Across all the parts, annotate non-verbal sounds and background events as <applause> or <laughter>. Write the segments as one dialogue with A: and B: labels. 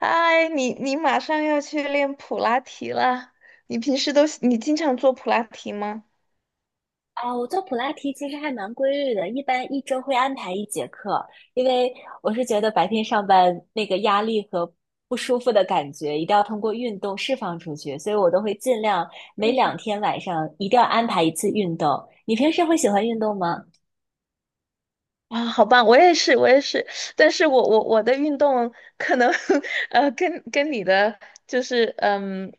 A: 嗨，你马上要去练普拉提了，你平时经常做普拉提吗？
B: 啊，我做普拉提其实还蛮规律的，一般一周会安排一节课，因为我是觉得白天上班那个压力和不舒服的感觉，一定要通过运动释放出去，所以我都会尽量每两
A: <laughs>
B: 天晚上一定要安排一次运动。你平时会喜欢运动吗？
A: 啊，好棒！我也是，我也是，但是我的运动可能 <laughs> 跟你的就是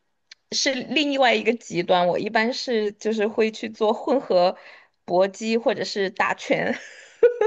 A: 是另外一个极端，我一般是就是会去做混合搏击或者是打拳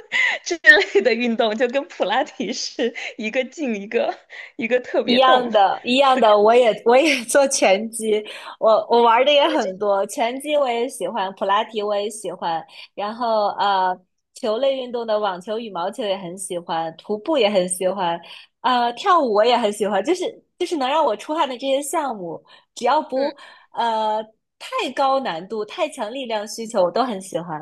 A: <laughs> 之类的运动，就跟普拉提是一个劲一个一个特
B: 一
A: 别
B: 样
A: 动。<laughs>
B: 的，一样的，我也 <laughs> 做拳击，我玩的也很多，拳击我也喜欢，普拉提我也喜欢，然后，球类运动的网球、羽毛球也很喜欢，徒步也很喜欢，呃，跳舞我也很喜欢，就是能让我出汗的这些项目，只要不
A: 嗯。
B: 呃太高难度、太强力量需求，我都很喜欢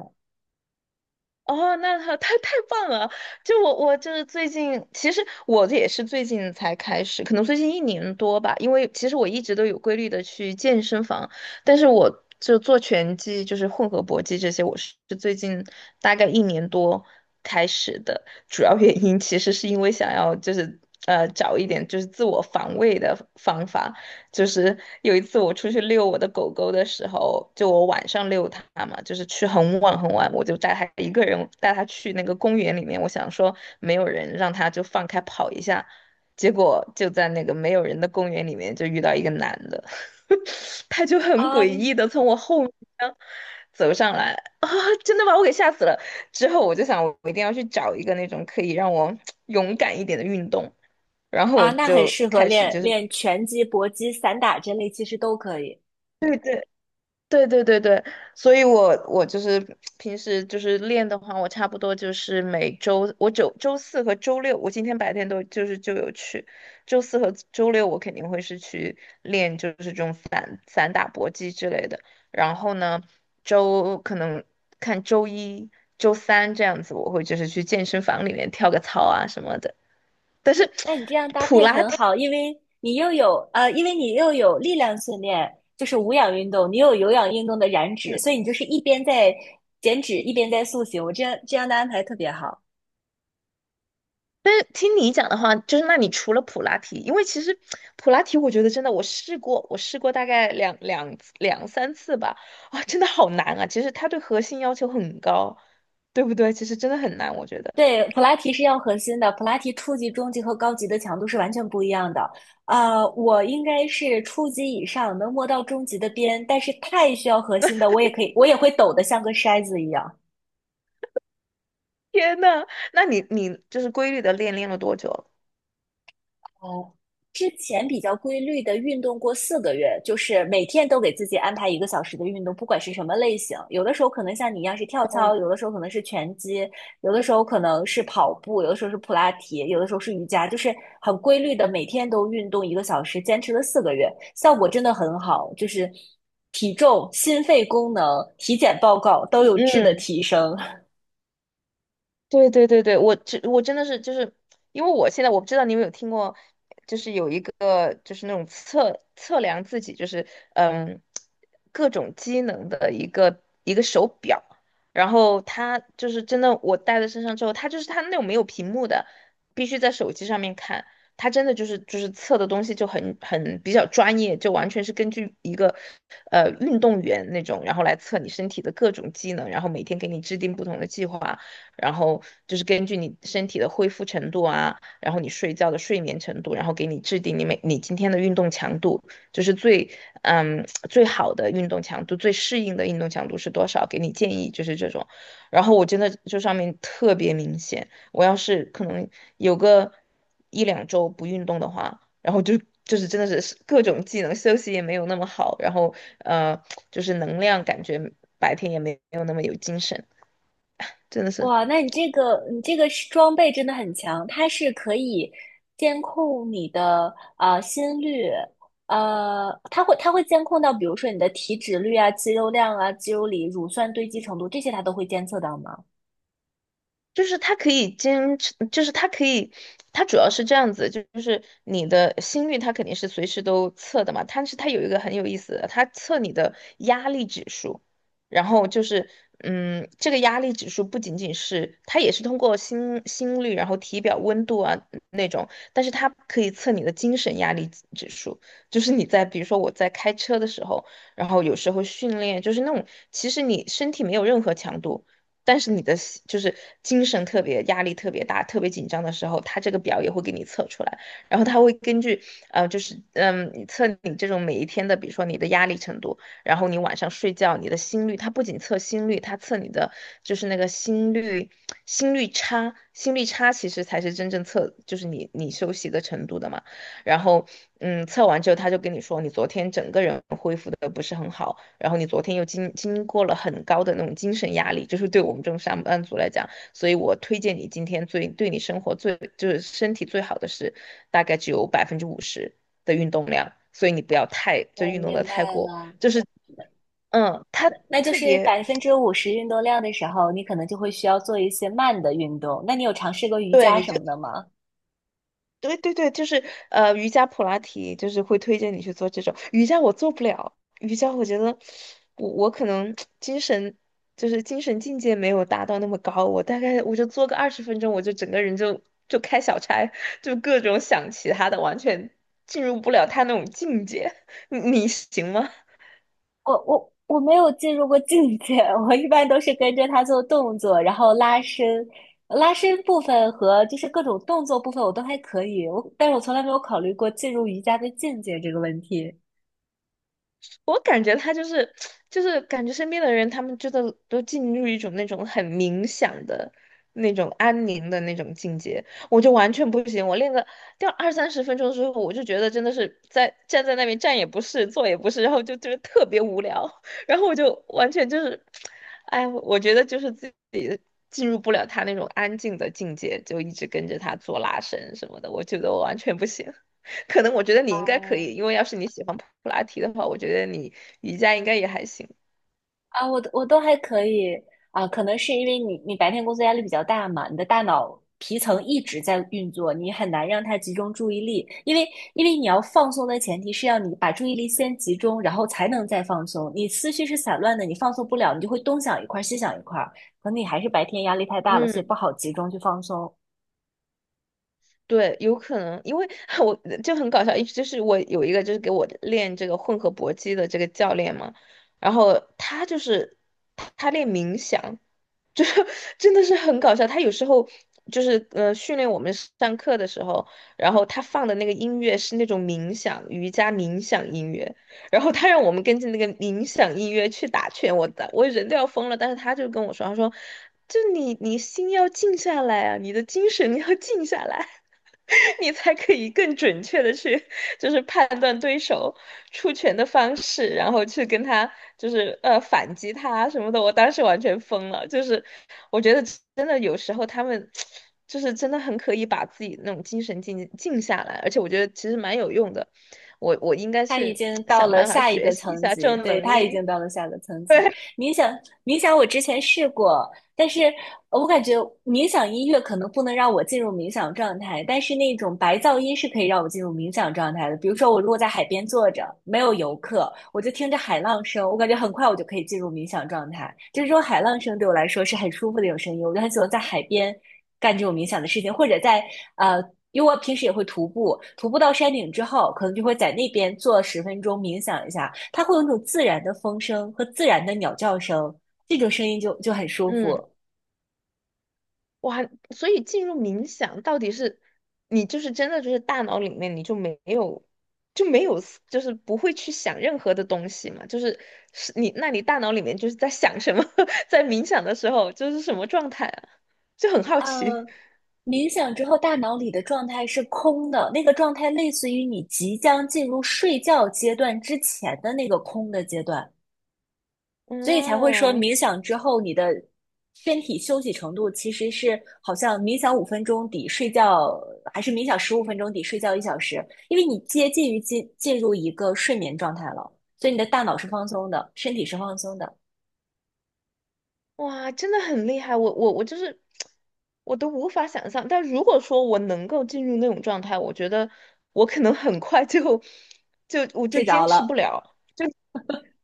A: 哦，那他太棒了！就我就是最近，其实我这也是最近才开始，可能最近一年多吧。因为其实我一直都有规律的去健身房，但是我就做拳击，就是混合搏击这些，我是最近大概一年多开始的。主要原因其实是因为想要就是找一点就是自我防卫的方法，就是有一次我出去遛我的狗狗的时候，就我晚上遛它嘛，就是去很晚很晚，我就带它一个人带它去那个公园里面，我想说没有人，让它就放开跑一下，结果就在那个没有人的公园里面就遇到一个男的，<laughs> 他就很诡
B: 啊
A: 异的从我后面走上来啊，真的把我给吓死了。之后我就想，我一定要去找一个那种可以让我 <tsk> 勇敢一点的运动。然后我
B: 啊，那很
A: 就
B: 适合
A: 开始
B: 练
A: 就是，
B: 练拳击、搏击、散打这类，其实都可以。
A: 对对，对对对对，所以我我就是平时就是练的话，我差不多就是每周我周四和周六，我今天白天都就是就有去，周四和周六我肯定会是去练，就是这种散打搏击之类的。然后呢，周可能看周一、周三这样子，我会就是去健身房里面跳个操啊什么的。但是
B: 那你这样
A: <laughs>
B: 搭
A: 普
B: 配
A: 拉
B: 很
A: 提。
B: 好，因为你又有,因为你又有力量训练，就是无氧运动，你又有有氧运动的燃脂，所以你就是一边在减脂，一边在塑形。我这样的安排特别好。
A: 但是听你讲的话，就是那你除了普拉提，因为其实普拉提，我觉得真的我试过，我试过大概两三次吧，啊，真的好难啊！其实它对核心要求很高，对不对？其实真的很难，我觉得。
B: 对，普拉提是要核心的，普拉提初级、中级和高级的强度是完全不一样的。呃，我应该是初级以上，能摸到中级的边，但是太需要核心的，我也可以，我也会抖得像个筛子一样。
A: 天呐，那你你就是规律的练了多久了？
B: 哦，之前比较规律的运动过四个月，就是每天都给自己安排一个小时的运动，不管是什么类型。有的时候可能像你一样是跳操，有的时候可能是拳击，有的时候可能是跑步，有的时候是普拉提，有的时候是瑜伽，就是很规律的每天都运动一个小时，坚持了四个月，效果真的很好，就是体重、心肺功能、体检报告都有质的
A: 嗯
B: 提升。
A: 对对对对，我这我真的是就是因为我现在我不知道你有没有听过，就是有一个就是那种测量自己就是嗯各种机能的一个手表，然后它就是真的我戴在身上之后，它就是它那种没有屏幕的，必须在手机上面看，它真的就是就是测的东西就比较专业，就完全是根据一个运动员那种，然后来测你身体的各种机能，然后每天给你制定不同的计划。然后就是根据你身体的恢复程度啊，然后你睡觉的睡眠程度，然后给你制定你每你今天的运动强度，就是最最好的运动强度，最适应的运动强度是多少，给你建议就是这种。然后我真的这上面特别明显，我要是可能有个1-2周不运动的话，就是真的是各种技能，休息也没有那么好，然后呃，就是能量感觉白天也没有那么有精神，真的是
B: 哇，那你这个是装备真的很强，它是可以监控你的呃心率，呃，它会监控到，比如说你的体脂率啊、肌肉量啊、肌肉里乳酸堆积程度这些，它都会监测到吗？
A: 就是它可以坚持，就是它可以，它主要是这样子，就是你的心率，它肯定是随时都测的嘛。但是它有一个很有意思的，它测你的压力指数，然后就是，这个压力指数不仅仅是，它也是通过心率，然后体表温度啊那种，但是它可以测你的精神压力指数，就是你在比如说我在开车的时候，然后有时候训练，就是那种其实你身体没有任何强度。但是你的心就是精神特别压力特别大、特别紧张的时候，他这个表也会给你测出来，然后他会根据就是你这种每一天的，比如说你的压力程度，然后你晚上睡觉你的心率，它不仅测心率，它测你的就是那个心率差，心率差其实才是真正测就是你休息的程度的嘛。然后，测完之后他就跟你说，你昨天整个人恢复的不是很好，然后你昨天又经过了很高的那种精神压力，就是对我们这种上班族来讲，所以我推荐你今天最对你生活最就是身体最好的是，大概只有50%的运动量，所以你不要太就
B: 我
A: 运动的
B: 明
A: 太
B: 白
A: 过，
B: 了，
A: 就是，他
B: 那就
A: 特
B: 是
A: 别。
B: 50%运动量的时候，你可能就会需要做一些慢的运动。那你有尝试过瑜
A: 对
B: 伽
A: 你
B: 什么的吗？
A: 对对对，就是瑜伽、普拉提，就是会推荐你去做这种瑜伽，我做不了瑜伽，我觉得我可能精神就是精神境界没有达到那么高，我大概我就做个20分钟，我就整个人就开小差，就各种想其他的，完全进入不了他那种境界。<laughs> 你行吗？
B: 我没有进入过境界，<laughs> 我一般都是跟着他做动作，然后拉伸，拉伸部分和就是各种动作部分我都还可以，我但是我从来没有考虑过进入瑜伽的境界这个问题。
A: 我感觉他就是感觉身边的人，他们真的都进入一种那种很冥想的那种安宁的那种境界，我就完全不行。我练个掉20-30分钟之后，我就觉得真的是在站在那边站也不是，坐也不是，然后就是特别无聊，<laughs> 然后我就完全就是，哎，我觉得就是自己进入不了他那种安静的境界，就一直跟着他做拉伸什么的，我觉得我完全不行。可能我觉得你应该可以，因为要是你喜欢普拉提的话，我觉得你瑜伽应该也还行。
B: 啊，我都还可以啊，可能是因为你白天工作压力比较大嘛，你的大脑皮层一直在运作，你很难让它集中注意力，因为你要放松的前提是要你把注意力先集中，然后才能再放松。你思绪是散乱的，你放松不了，你就会东想一块儿西想一块儿，可能你还是白天压力太大了，所以不
A: 嗯，
B: 好集中去放松。
A: 对，有可能，因为 <laughs> 我就很搞笑，一就是我有一个就是给我练这个混合搏击的这个教练嘛，然后他就是他练冥想，就是 <laughs> 真的是很搞笑。他有时候就是训练我们上课的时候，然后他放的那个音乐是那种冥想瑜伽冥想音乐，然后他让我们跟着那个冥想音乐去打拳，我打我人都要疯了，但是他就跟我说，他说。就你，你心要静下来啊，你的精神要静下来。<laughs> 你才可以更准确的去，就是判断对手出拳的方式，然后去跟他就是反击他什么的。我当时完全疯了，就是我觉得真的有时候他们就是真的很可以把自己那种精神静下来，而且我觉得其实蛮有用的。我我应该
B: 他已
A: 去
B: 经到
A: 想
B: 了
A: 办法
B: 下一
A: 学
B: 个
A: 习一
B: 层
A: 下这
B: 级，
A: 种
B: 对，
A: 能
B: 他已
A: 力。
B: 经到了下一个层
A: <laughs>
B: 级。
A: 对，
B: 冥想，冥想，我之前试过，但是我感觉冥想音乐可能不能让我进入冥想状态，但是那种白噪音是可以让我进入冥想状态的。比如说，我如果在海边坐着，没有游客，我就听着海浪声，我感觉很快我就可以进入冥想状态。就是这种海浪声对我来说是很舒服的一种声音，我就很喜欢在海边干这种冥想的事情，或者在呃，因为我平时也会徒步，徒步到山顶之后，可能就会在那边坐十分钟冥想一下，它会有那种自然的风声和自然的鸟叫声。这种声音就很舒
A: 嗯。
B: 服。
A: 哇，所以进入冥想到底是你就是真的就是大脑里面你就没有就没有思就是不会去想任何的东西嘛？就是是你那你大脑里面就是在想什么？<laughs> 在冥想的时候就是什么状态啊？就很好
B: 呃，
A: 奇。
B: 冥想之后，大脑里的状态是空的，那个状态类似于你即将进入睡觉阶段之前的那个空的阶段，所以才会说
A: 嗯，
B: 冥想之后你的身体休息程度其实是好像冥想五分钟抵睡觉，还是冥想十五分钟抵睡觉1小时，因为你接近于进入一个睡眠状态了，所以你的大脑是放松的，身体是放松的，
A: 哇，真的很厉害！我就是我都无法想象。但如果说我能够进入那种状态，我觉得我可能很快就我就
B: 睡着
A: 坚持不
B: 了。
A: 了。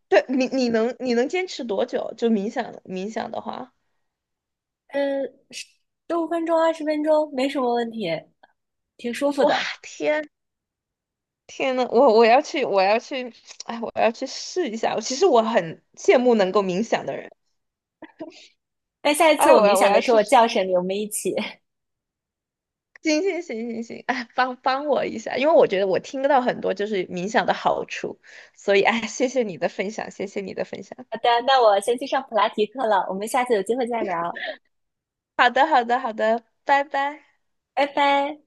A: 对你，你能坚持多久？就冥想的话，
B: 嗯，十五分钟、20分钟没什么问题，挺舒服
A: 哇，
B: 的。
A: 天天呐，我我要去，我要去，<tsk> 哎，我要去试一下。其实我很羡慕能够冥想的人。
B: 那下一次
A: 哎，
B: 我
A: 我
B: 冥
A: 要我
B: 想的
A: 要
B: 时候，
A: 去
B: 我
A: 试
B: 叫醒你，我们一起。<laughs>
A: 行行行行行，哎，帮帮我一下，因为我觉得我听到很多就是冥想的好处，所以哎，谢谢你的分享，谢谢你的分享。
B: 好的，那我先去上普拉提课了，我们下次有机会再聊，
A: 好的，好的，好的，拜拜。
B: 拜拜。